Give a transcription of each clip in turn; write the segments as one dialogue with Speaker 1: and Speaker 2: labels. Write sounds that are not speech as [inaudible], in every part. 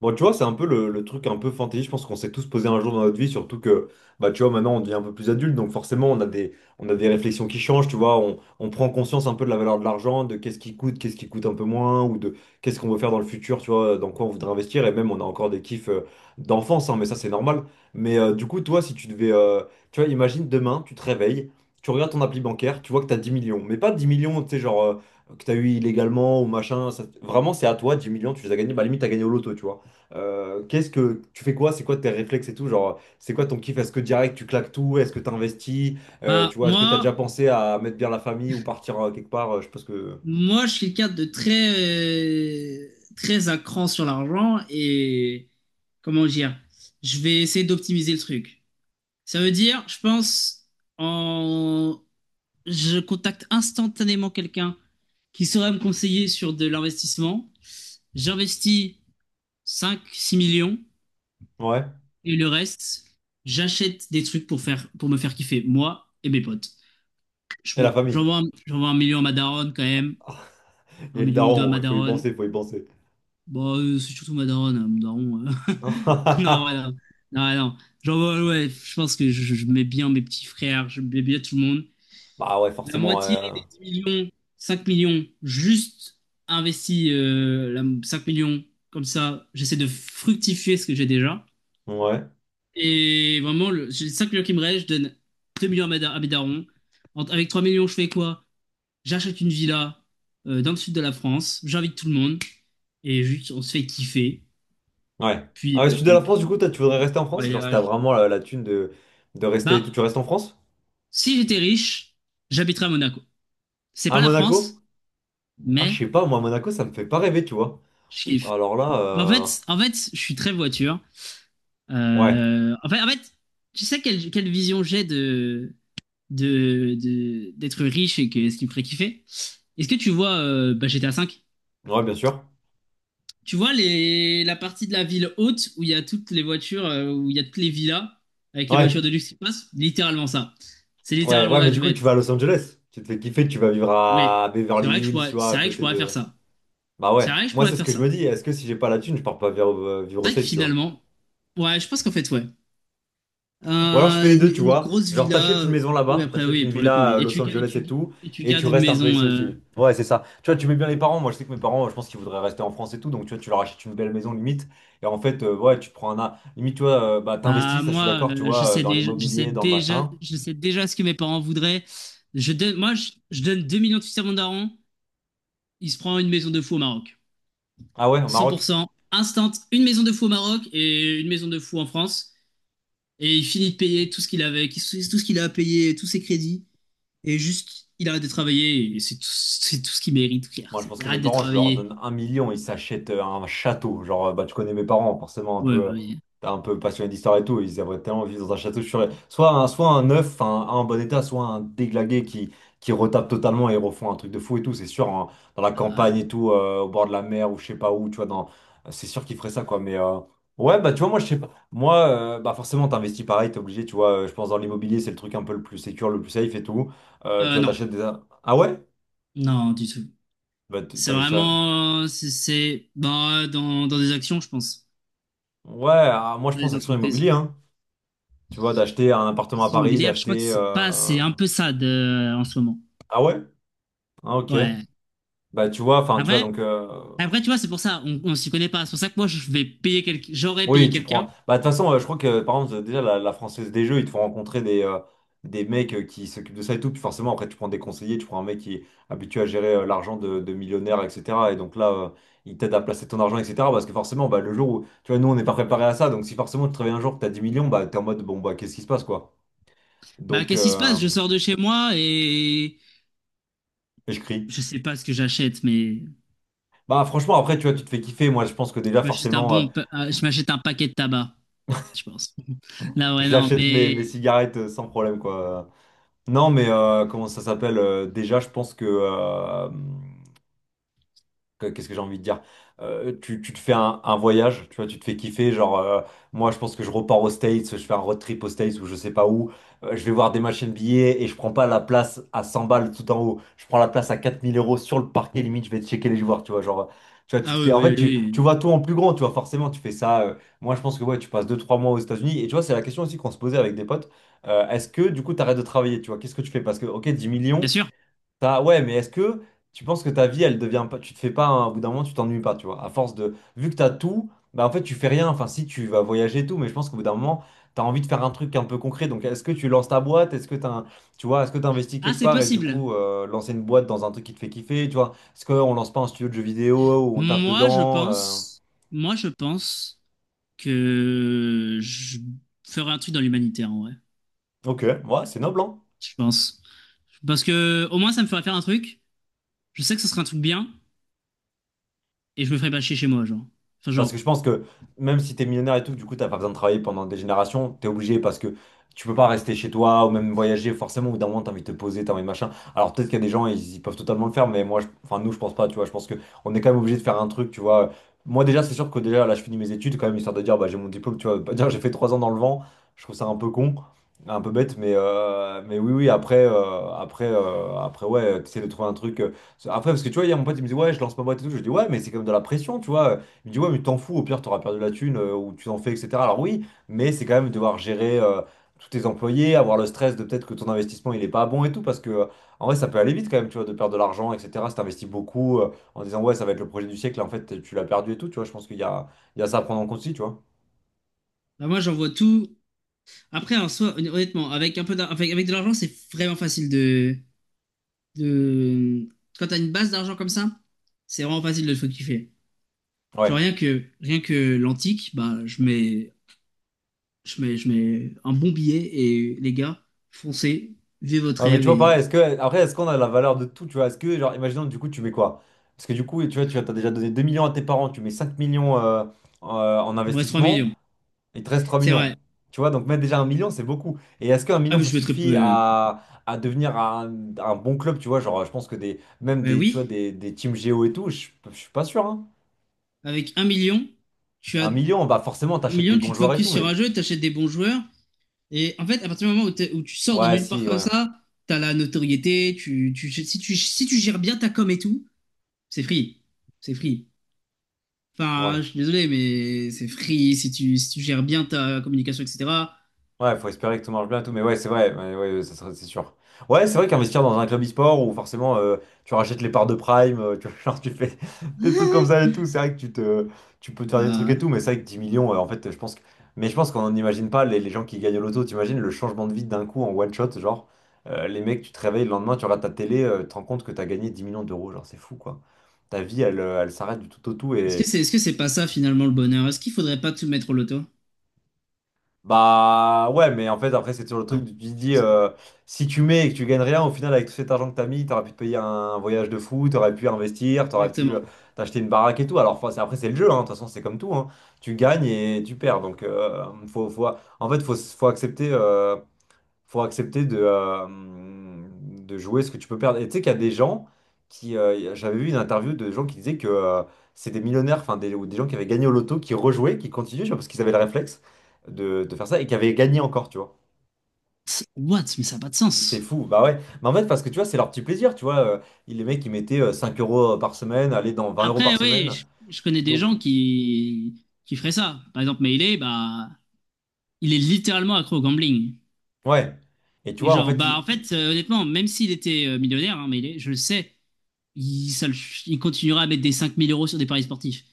Speaker 1: Bon, tu vois, c'est un peu le truc un peu fantaisie, je pense qu'on s'est tous posé un jour dans notre vie, surtout que, bah, tu vois, maintenant on devient un peu plus adulte, donc forcément on a des réflexions qui changent, tu vois, on prend conscience un peu de la valeur de l'argent, de qu'est-ce qui coûte un peu moins, ou de qu'est-ce qu'on veut faire dans le futur, tu vois, dans quoi on voudrait investir, et même on a encore des kiffs d'enfance, hein, mais ça c'est normal. Mais du coup, toi, si tu devais, tu vois, imagine demain, tu te réveilles, tu regardes ton appli bancaire, tu vois que t'as 10 millions, mais pas 10 millions, tu sais, genre, que t'as eu illégalement ou machin, vraiment c'est à toi, 10 millions, tu les as gagnés, bah limite t'as gagné au loto, tu vois. Qu'est-ce que tu fais quoi? C'est quoi tes réflexes et tout? Genre, c'est quoi ton kiff? Est-ce que direct tu claques tout? Est-ce que tu investis?
Speaker 2: Bah,
Speaker 1: Tu vois, est-ce que tu as
Speaker 2: moi,
Speaker 1: déjà pensé à mettre bien la famille ou partir quelque part? Je pense que.
Speaker 2: moi, je suis quelqu'un de très, euh, très à cran sur l'argent et comment dire, je vais essayer d'optimiser le truc. Ça veut dire, je pense, en, je contacte instantanément quelqu'un qui saurait me conseiller sur de l'investissement. J'investis cinq six millions
Speaker 1: Ouais.
Speaker 2: et le reste, j'achète des trucs pour faire, pour me faire kiffer, moi et mes potes. Je,
Speaker 1: Et la
Speaker 2: m'en-
Speaker 1: famille.
Speaker 2: j'envoie un, j'envoie 1 million à ma daronne quand même, un
Speaker 1: Et le
Speaker 2: million ou deux à
Speaker 1: daron,
Speaker 2: ma
Speaker 1: il faut y
Speaker 2: daronne.
Speaker 1: penser, il faut y penser.
Speaker 2: Bon, c'est surtout ma daronne, hein, mon daron. [laughs] Non,
Speaker 1: [laughs]
Speaker 2: voilà. Non, non. Genre, ouais, ouais, je pense que je mets bien mes petits frères, je mets bien tout le monde.
Speaker 1: Bah ouais,
Speaker 2: La
Speaker 1: forcément.
Speaker 2: moitié des 10 millions, 5 millions, juste investi 5 millions, comme ça, j'essaie de fructifier ce que j'ai déjà.
Speaker 1: Ouais.
Speaker 2: Et vraiment, j'ai 5 millions qui me restent, je donne 2 millions à mes darons. Avec 3 millions, je fais quoi? J'achète une villa dans le sud de la France, j'invite tout le monde, et juste, on se fait kiffer.
Speaker 1: Ouais. Ah
Speaker 2: Puis,
Speaker 1: ouais, sud de
Speaker 2: euh,
Speaker 1: la France,
Speaker 2: puis,
Speaker 1: du coup, toi, tu voudrais
Speaker 2: puis,
Speaker 1: rester en France? Genre, si t'as
Speaker 2: voyage.
Speaker 1: vraiment la thune de rester et tout, tu
Speaker 2: Bah,
Speaker 1: restes en France?
Speaker 2: si j'étais riche, j'habiterais à Monaco. C'est
Speaker 1: À
Speaker 2: pas la France,
Speaker 1: Monaco? Ah, je
Speaker 2: mais
Speaker 1: sais pas, moi, Monaco, ça me fait pas rêver, tu vois.
Speaker 2: je kiffe.
Speaker 1: Alors là,
Speaker 2: Bah, En fait, en fait, je suis très voiture.
Speaker 1: ouais.
Speaker 2: En fait, tu sais quelle vision j'ai d'être riche et que, ce qui me ferait kiffer? Est-ce que tu vois bah, GTA 5?
Speaker 1: Ouais, bien sûr.
Speaker 2: Tu vois la partie de la ville haute où il y a toutes les voitures, où il y a toutes les villas avec les
Speaker 1: Ouais.
Speaker 2: voitures de luxe qui passent? Littéralement ça. C'est
Speaker 1: Ouais,
Speaker 2: littéralement
Speaker 1: ouais,
Speaker 2: là
Speaker 1: mais
Speaker 2: que
Speaker 1: du
Speaker 2: je
Speaker 1: coup,
Speaker 2: vais
Speaker 1: tu
Speaker 2: être.
Speaker 1: vas à Los Angeles. Tu te fais kiffer, tu vas vivre
Speaker 2: Oui,
Speaker 1: à Beverly Hills, tu vois,
Speaker 2: c'est
Speaker 1: à
Speaker 2: vrai que je
Speaker 1: côté
Speaker 2: pourrais faire
Speaker 1: de.
Speaker 2: ça.
Speaker 1: Bah
Speaker 2: C'est
Speaker 1: ouais,
Speaker 2: vrai que je
Speaker 1: moi,
Speaker 2: pourrais
Speaker 1: c'est ce
Speaker 2: faire
Speaker 1: que je
Speaker 2: ça.
Speaker 1: me dis. Est-ce que si j'ai pas la thune, je pars pas vivre, vivre
Speaker 2: C'est
Speaker 1: aux
Speaker 2: vrai que
Speaker 1: States, tu vois?
Speaker 2: finalement, ouais, je pense qu'en fait, ouais.
Speaker 1: Ou alors, je fais les
Speaker 2: Une,
Speaker 1: deux, tu
Speaker 2: une
Speaker 1: vois.
Speaker 2: grosse
Speaker 1: Genre,
Speaker 2: villa,
Speaker 1: t'achètes une maison
Speaker 2: oui,
Speaker 1: là-bas,
Speaker 2: après,
Speaker 1: t'achètes
Speaker 2: oui,
Speaker 1: une
Speaker 2: pour le coup,
Speaker 1: villa
Speaker 2: oui.
Speaker 1: à
Speaker 2: Et
Speaker 1: Los
Speaker 2: tu, ga-
Speaker 1: Angeles et tout,
Speaker 2: et tu
Speaker 1: et tu
Speaker 2: gardes une
Speaker 1: restes un peu
Speaker 2: maison.
Speaker 1: ici
Speaker 2: euh,
Speaker 1: aussi. Ouais, c'est ça. Tu vois, tu mets bien les parents. Moi, je sais que mes parents, je pense qu'ils voudraient rester en France et tout, donc tu vois, tu leur achètes une belle maison limite. Et en fait, ouais, tu prends un. A- Limite, tu vois, bah,
Speaker 2: Bah,
Speaker 1: t'investis, ça, je suis
Speaker 2: moi,
Speaker 1: d'accord, tu
Speaker 2: je
Speaker 1: vois,
Speaker 2: sais
Speaker 1: dans
Speaker 2: déjà, je sais
Speaker 1: l'immobilier, dans le
Speaker 2: déjà,
Speaker 1: machin.
Speaker 2: je sais déjà ce que mes parents voudraient. Moi, je donne 2 millions de suisses à mon daron. Il se prend une maison de fou au Maroc.
Speaker 1: Ah ouais, au
Speaker 2: cent pour
Speaker 1: Maroc?
Speaker 2: cent, instant, une maison de fou au Maroc et une maison de fou en France. Et il finit de payer tout ce qu'il avait, tout ce qu'il a à payer, tous ses crédits. Et juste, il arrête de travailler, et c'est tout ce qu'il mérite, frère.
Speaker 1: Moi, je pense que mes
Speaker 2: Arrête de
Speaker 1: parents, je leur
Speaker 2: travailler.
Speaker 1: donne 1 million, ils s'achètent un château. Genre, bah, tu connais mes parents, forcément, un
Speaker 2: Ouais, ouais,
Speaker 1: peu,
Speaker 2: ouais.
Speaker 1: t'es un peu passionné d'histoire et tout. Ils aimeraient tellement vivre dans un château. Soit un neuf, un bon état, soit un déglagué qui retape totalement et refont un truc de fou et tout. C'est sûr, hein, dans la
Speaker 2: Ah ouais.
Speaker 1: campagne et tout, au bord de la mer ou je sais pas où, tu vois, dans... C'est sûr qu'ils feraient ça, quoi. Mais ouais, bah, tu vois, moi, je sais pas. Moi, bah, forcément, t'investis pareil, t'es obligé, tu vois. Je pense dans l'immobilier, c'est le truc un peu le plus sécure, le plus safe et tout. Tu vois,
Speaker 2: Non,
Speaker 1: t'achètes des. Ah ouais?
Speaker 2: non, du tout.
Speaker 1: Bah,
Speaker 2: C'est
Speaker 1: t'investis.
Speaker 2: vraiment, bah, dans des actions, je pense,
Speaker 1: Ouais, ah, moi je
Speaker 2: dans
Speaker 1: pense
Speaker 2: les
Speaker 1: action
Speaker 2: entreprises.
Speaker 1: immobilière, hein. Tu vois, d'acheter un appartement à
Speaker 2: Actions
Speaker 1: Paris,
Speaker 2: immobilières, je crois que
Speaker 1: d'acheter.
Speaker 2: c'est pas, c'est un peu ça de, en ce moment.
Speaker 1: Ah ouais? Ah ok.
Speaker 2: Ouais.
Speaker 1: Bah tu vois, enfin tu vois
Speaker 2: Après,
Speaker 1: donc.
Speaker 2: après, tu vois, c'est pour ça, on s'y connaît pas. C'est pour ça que moi, je vais payer quelqu'un, j'aurais payé
Speaker 1: Oui, tu
Speaker 2: quelqu'un.
Speaker 1: prends. Bah de toute façon, je crois que par exemple, déjà la Française des Jeux, ils te font rencontrer des mecs qui s'occupent de ça et tout. Puis forcément, après tu prends des conseillers, tu prends un mec qui est habitué à gérer l'argent de millionnaires, etc. Et donc là, il t'aide à placer ton argent, etc. Parce que forcément, bah, le jour où. Tu vois, nous on n'est pas préparé à ça. Donc si forcément tu te réveilles un jour que t'as 10 millions, bah t'es en mode bon, bah qu'est-ce qui se passe quoi?
Speaker 2: Bah,
Speaker 1: Donc.
Speaker 2: qu'est-ce qui se passe? Je sors de chez moi et
Speaker 1: Et je crie.
Speaker 2: je sais pas ce que j'achète, mais
Speaker 1: Bah franchement après tu vois tu te fais kiffer moi je pense que déjà
Speaker 2: je m'achète un
Speaker 1: forcément
Speaker 2: bon, pa- euh, je m'achète un paquet de tabac. Je pense. [laughs] Là, ouais, non,
Speaker 1: j'achète mes
Speaker 2: mais.
Speaker 1: cigarettes sans problème quoi. Non mais comment ça s'appelle déjà je pense que Qu'est-ce que j'ai envie de dire? Tu te fais un voyage, tu vois, tu te fais kiffer. Genre, moi, je pense que je repars aux States, je fais un road trip aux States ou je sais pas où. Je vais voir des machines billets et je prends pas la place à 100 balles tout en haut. Je prends la place à 4 000 euros sur le parquet, limite, je vais checker les joueurs, tu vois. Genre, tu vois, tu te
Speaker 2: Ah oui,
Speaker 1: fais. En fait,
Speaker 2: oui,
Speaker 1: tu
Speaker 2: oui.
Speaker 1: vois tout en plus grand, tu vois, forcément, tu fais ça. Moi, je pense que ouais, tu passes deux trois mois aux États-Unis. Et tu vois, c'est la question aussi qu'on se posait avec des potes. Est-ce que, du coup, tu arrêtes de travailler, tu vois? Qu'est-ce que tu fais? Parce que, ok, dix
Speaker 2: Bien
Speaker 1: millions.
Speaker 2: sûr.
Speaker 1: Ça, ouais, mais est-ce que tu penses que ta vie, elle devient pas, tu te fais pas, hein, au bout d'un moment, tu t'ennuies pas, tu vois, à force de, vu que t'as tout, bah en fait, tu fais rien, enfin, si tu vas voyager et tout, mais je pense qu'au bout d'un moment, t'as envie de faire un truc un peu concret, donc est-ce que tu lances ta boîte, est-ce que t'as, tu vois, est-ce que t'investis
Speaker 2: Ah,
Speaker 1: quelque
Speaker 2: c'est
Speaker 1: part et du
Speaker 2: possible.
Speaker 1: coup, lancer une boîte dans un truc qui te fait kiffer, tu vois, est-ce qu'on lance pas un studio de jeux vidéo où on taffe
Speaker 2: Moi, je
Speaker 1: dedans,
Speaker 2: pense. Moi, je pense que je ferai un truc dans l'humanitaire, en vrai.
Speaker 1: ok, ouais, c'est noble, hein.
Speaker 2: Je pense. Parce que, au moins, ça me fera faire un truc. Je sais que ce sera un truc bien. Et je me ferai pas chier chez moi, genre. Enfin,
Speaker 1: Parce
Speaker 2: genre.
Speaker 1: que je pense que même si t'es millionnaire et tout, du coup, t'as pas besoin de travailler pendant des générations, t'es obligé parce que tu peux pas rester chez toi ou même voyager, forcément, au bout d'un moment, t'as envie de te poser, t'as envie de machin. Alors peut-être qu'il y a des gens, ils peuvent totalement le faire, mais moi, enfin, nous, je pense pas, tu vois, je pense que on est quand même obligé de faire un truc, tu vois. Moi, déjà, c'est sûr que déjà, là, je finis mes études, quand même, histoire de dire, bah, j'ai mon diplôme, tu vois, pas dire, j'ai fait 3 ans dans le vent, je trouve ça un peu con. Un peu bête, mais oui, oui, après, ouais, tu de trouver un truc. Après, parce que tu vois, hier, mon pote, il me dit, ouais, je lance ma boîte et tout. Je lui dis, ouais, mais c'est quand même de la pression, tu vois. Il me dit, ouais, mais t'en fous, au pire, t'auras perdu la thune ou tu t'en fais, etc. Alors oui, mais c'est quand même devoir gérer tous tes employés, avoir le stress de peut-être que ton investissement, il est pas bon et tout, parce que en vrai, ça peut aller vite quand même, tu vois, de perdre de l'argent, etc. Si t'investis beaucoup en disant, ouais, ça va être le projet du siècle, en fait, tu l'as perdu et tout, tu vois, je pense qu'il y a il y a ça à prendre en compte aussi, tu vois.
Speaker 2: Bah, moi, j'envoie tout. Après, en soi, honnêtement, avec un peu d'ar- avec, avec de l'argent, c'est vraiment facile de... Quand t'as une base d'argent comme ça, c'est vraiment facile de le faire kiffer. Genre
Speaker 1: Ouais.
Speaker 2: rien que l'antique, bah je mets un bon billet et les gars, foncez, vivez votre
Speaker 1: Ouais, mais tu
Speaker 2: rêve,
Speaker 1: vois,
Speaker 2: et
Speaker 1: pareil, est-ce que, après, est-ce qu'on a la valeur de tout, tu vois, est-ce que, genre, imaginons, du coup, tu mets quoi? Parce que du coup, tu vois, tu as déjà donné 2 millions à tes parents, tu mets 5 millions en
Speaker 2: il me reste trois
Speaker 1: investissement.
Speaker 2: millions.
Speaker 1: Il te reste 3
Speaker 2: C'est
Speaker 1: millions.
Speaker 2: vrai.
Speaker 1: Tu vois, donc mettre déjà 1 million, c'est beaucoup. Et est-ce qu'un
Speaker 2: Ah
Speaker 1: million,
Speaker 2: mais
Speaker 1: ça
Speaker 2: je mettrais
Speaker 1: suffit
Speaker 2: peu.
Speaker 1: à devenir un bon club, tu vois, genre, je pense que des, même
Speaker 2: Bah
Speaker 1: des, tu vois,
Speaker 2: oui,
Speaker 1: des teams Géo et tout, je suis pas sûr, hein.
Speaker 2: avec 1 million, tu as
Speaker 1: Un million, bah forcément,
Speaker 2: un
Speaker 1: t'achètes des
Speaker 2: million, tu
Speaker 1: bons
Speaker 2: te
Speaker 1: joueurs et
Speaker 2: focuses
Speaker 1: tout,
Speaker 2: sur
Speaker 1: mais...
Speaker 2: un jeu, t'achètes des bons joueurs et en fait à partir du moment où, où tu sors de
Speaker 1: Ouais,
Speaker 2: nulle part
Speaker 1: si,
Speaker 2: comme
Speaker 1: ouais.
Speaker 2: ça, t'as la notoriété, tu si tu si tu gères bien ta com et tout, c'est free. C'est free. Enfin,
Speaker 1: Ouais.
Speaker 2: je suis désolé, mais c'est free si tu gères bien ta communication, etc.
Speaker 1: Ouais, faut espérer que tout marche bien et tout, mais ouais, c'est vrai, ouais, ouais, ça serait, c'est sûr. Ouais, c'est vrai qu'investir dans un club e-sport où forcément tu rachètes les parts de Prime, tu vois, [laughs] genre tu fais des trucs comme ça et tout, c'est vrai que tu te, tu peux te faire des trucs et
Speaker 2: Ah.
Speaker 1: tout, mais c'est vrai que 10 millions, en fait, je pense que, mais je pense qu'on n'imagine pas les gens qui gagnent au loto. T'imagines le changement de vie d'un coup en one shot, genre les mecs, tu te réveilles le lendemain, tu regardes ta télé, tu te rends compte que t'as gagné 10 millions d'euros, genre c'est fou quoi. Ta vie, elle s'arrête du tout au tout. Et
Speaker 2: Est-ce que c'est pas ça finalement le bonheur? Est-ce qu'il faudrait pas tout mettre au loto?
Speaker 1: bah ouais, mais en fait, après, c'est toujours le truc,
Speaker 2: Non,
Speaker 1: tu te
Speaker 2: je
Speaker 1: dis,
Speaker 2: pense pas.
Speaker 1: si tu mets et que tu gagnes rien, au final, avec tout cet argent que t'as mis, t'aurais pu te payer un voyage de fou, t'aurais pu investir, t'aurais pu
Speaker 2: Exactement.
Speaker 1: t'acheter une baraque et tout. Alors, enfin, c'est- après, c'est le jeu, hein. De toute façon, c'est comme tout, hein. Tu gagnes et tu perds. Donc, en fait, faut accepter. Faut accepter de jouer ce que tu peux perdre. Et tu sais qu'il y a des gens qui. J'avais vu une interview de gens qui disaient que c'est des millionnaires, enfin des, ou des gens qui avaient gagné au loto, qui rejouaient, qui continuaient, je sais pas, parce qu'ils avaient le réflexe de faire ça et qui avaient gagné encore, tu vois.
Speaker 2: What? Mais ça n'a pas de
Speaker 1: Tu te dis c'est
Speaker 2: sens.
Speaker 1: fou, bah ouais. Mais en fait, parce que tu vois, c'est leur petit plaisir, tu vois. Les mecs, ils mettaient 5 euros par semaine, aller dans 20 euros par
Speaker 2: Après, oui,
Speaker 1: semaine.
Speaker 2: je connais des
Speaker 1: Donc,
Speaker 2: gens qui feraient ça. Par exemple, Melee, bah, il est littéralement accro au gambling.
Speaker 1: ouais. Et tu
Speaker 2: Et
Speaker 1: vois, en
Speaker 2: genre,
Speaker 1: fait,
Speaker 2: bah, en
Speaker 1: ils,
Speaker 2: fait, honnêtement, même s'il était millionnaire, hein, Melee, je le sais, il, ça le- il continuera à mettre des 5 000 euros sur des paris sportifs.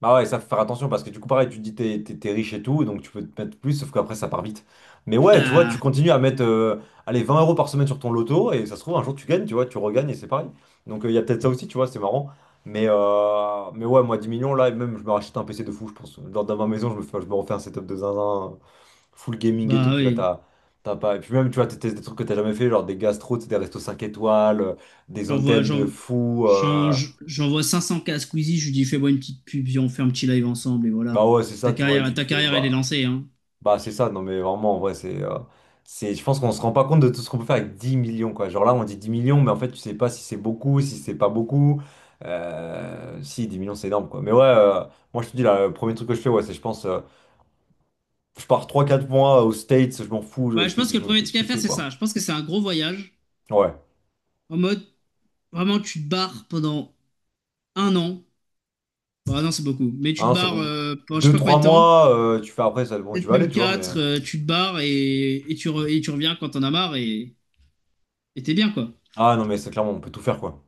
Speaker 1: bah ouais, ça faut faire attention parce que du coup, pareil, tu te dis t'es riche et tout, donc tu peux te mettre plus, sauf qu'après ça part vite. Mais ouais, tu vois, tu
Speaker 2: Bah,
Speaker 1: continues à mettre allez, 20 euros par semaine sur ton loto et ça se trouve, un jour tu gagnes, tu vois, tu regagnes et c'est pareil. Donc, il y a peut-être ça aussi, tu vois, c'est marrant. Mais ouais, moi 10 millions là, et même je me rachète un PC de fou, je pense. Dans ma maison, je me refais un setup de zinzin, full gaming et tout,
Speaker 2: bah,
Speaker 1: puis là
Speaker 2: oui.
Speaker 1: t'as. T'as pas... Et puis même, tu vois, t'es des trucs que t'as jamais fait, genre des gastros, tu sais, des restos 5 étoiles, des
Speaker 2: J'envoie,
Speaker 1: hôtels de
Speaker 2: j'en-
Speaker 1: fou.
Speaker 2: j'en- j'envoie 500K à Squeezie, je lui dis fais-moi une petite pub, viens, on fait un petit live ensemble et voilà.
Speaker 1: Bah ouais, c'est ça,
Speaker 2: Ta
Speaker 1: tu vois,
Speaker 2: carrière,
Speaker 1: tu te
Speaker 2: ta
Speaker 1: fais...
Speaker 2: carrière, elle est
Speaker 1: Bah...
Speaker 2: lancée, hein.
Speaker 1: Bah, c'est ça, non, mais vraiment, en vrai, c'est, je pense qu'on se rend pas compte de tout ce qu'on peut faire avec 10 millions, quoi. Genre là, on dit 10 millions, mais en fait, tu sais pas si c'est beaucoup, si c'est pas beaucoup. Si, 10 millions, c'est énorme, quoi. Mais ouais, moi, je te dis, là, le premier truc que je fais, ouais, c'est, je pense, je pars 3 4 mois aux States, je m'en fous, je,
Speaker 2: Ouais,
Speaker 1: je
Speaker 2: je
Speaker 1: fais,
Speaker 2: pense
Speaker 1: je
Speaker 2: que le
Speaker 1: me
Speaker 2: premier
Speaker 1: fais
Speaker 2: truc à faire,
Speaker 1: kiffer,
Speaker 2: c'est ça.
Speaker 1: quoi.
Speaker 2: Je pense que c'est un gros voyage.
Speaker 1: Ouais.
Speaker 2: En mode, vraiment, tu te barres pendant 1 an. Bah non, c'est beaucoup. Mais
Speaker 1: Ah
Speaker 2: tu te
Speaker 1: non, c'est
Speaker 2: barres
Speaker 1: beaucoup.
Speaker 2: pendant je sais
Speaker 1: deux
Speaker 2: pas combien
Speaker 1: trois
Speaker 2: de temps.
Speaker 1: mois, tu fais après, ça, bon, tu
Speaker 2: Peut-être
Speaker 1: vas aller,
Speaker 2: même
Speaker 1: tu vois, mais.
Speaker 2: quatre. Tu te barres et tu reviens quand t'en as marre et t'es bien, quoi.
Speaker 1: Ah non, mais c'est clairement, on peut tout faire, quoi.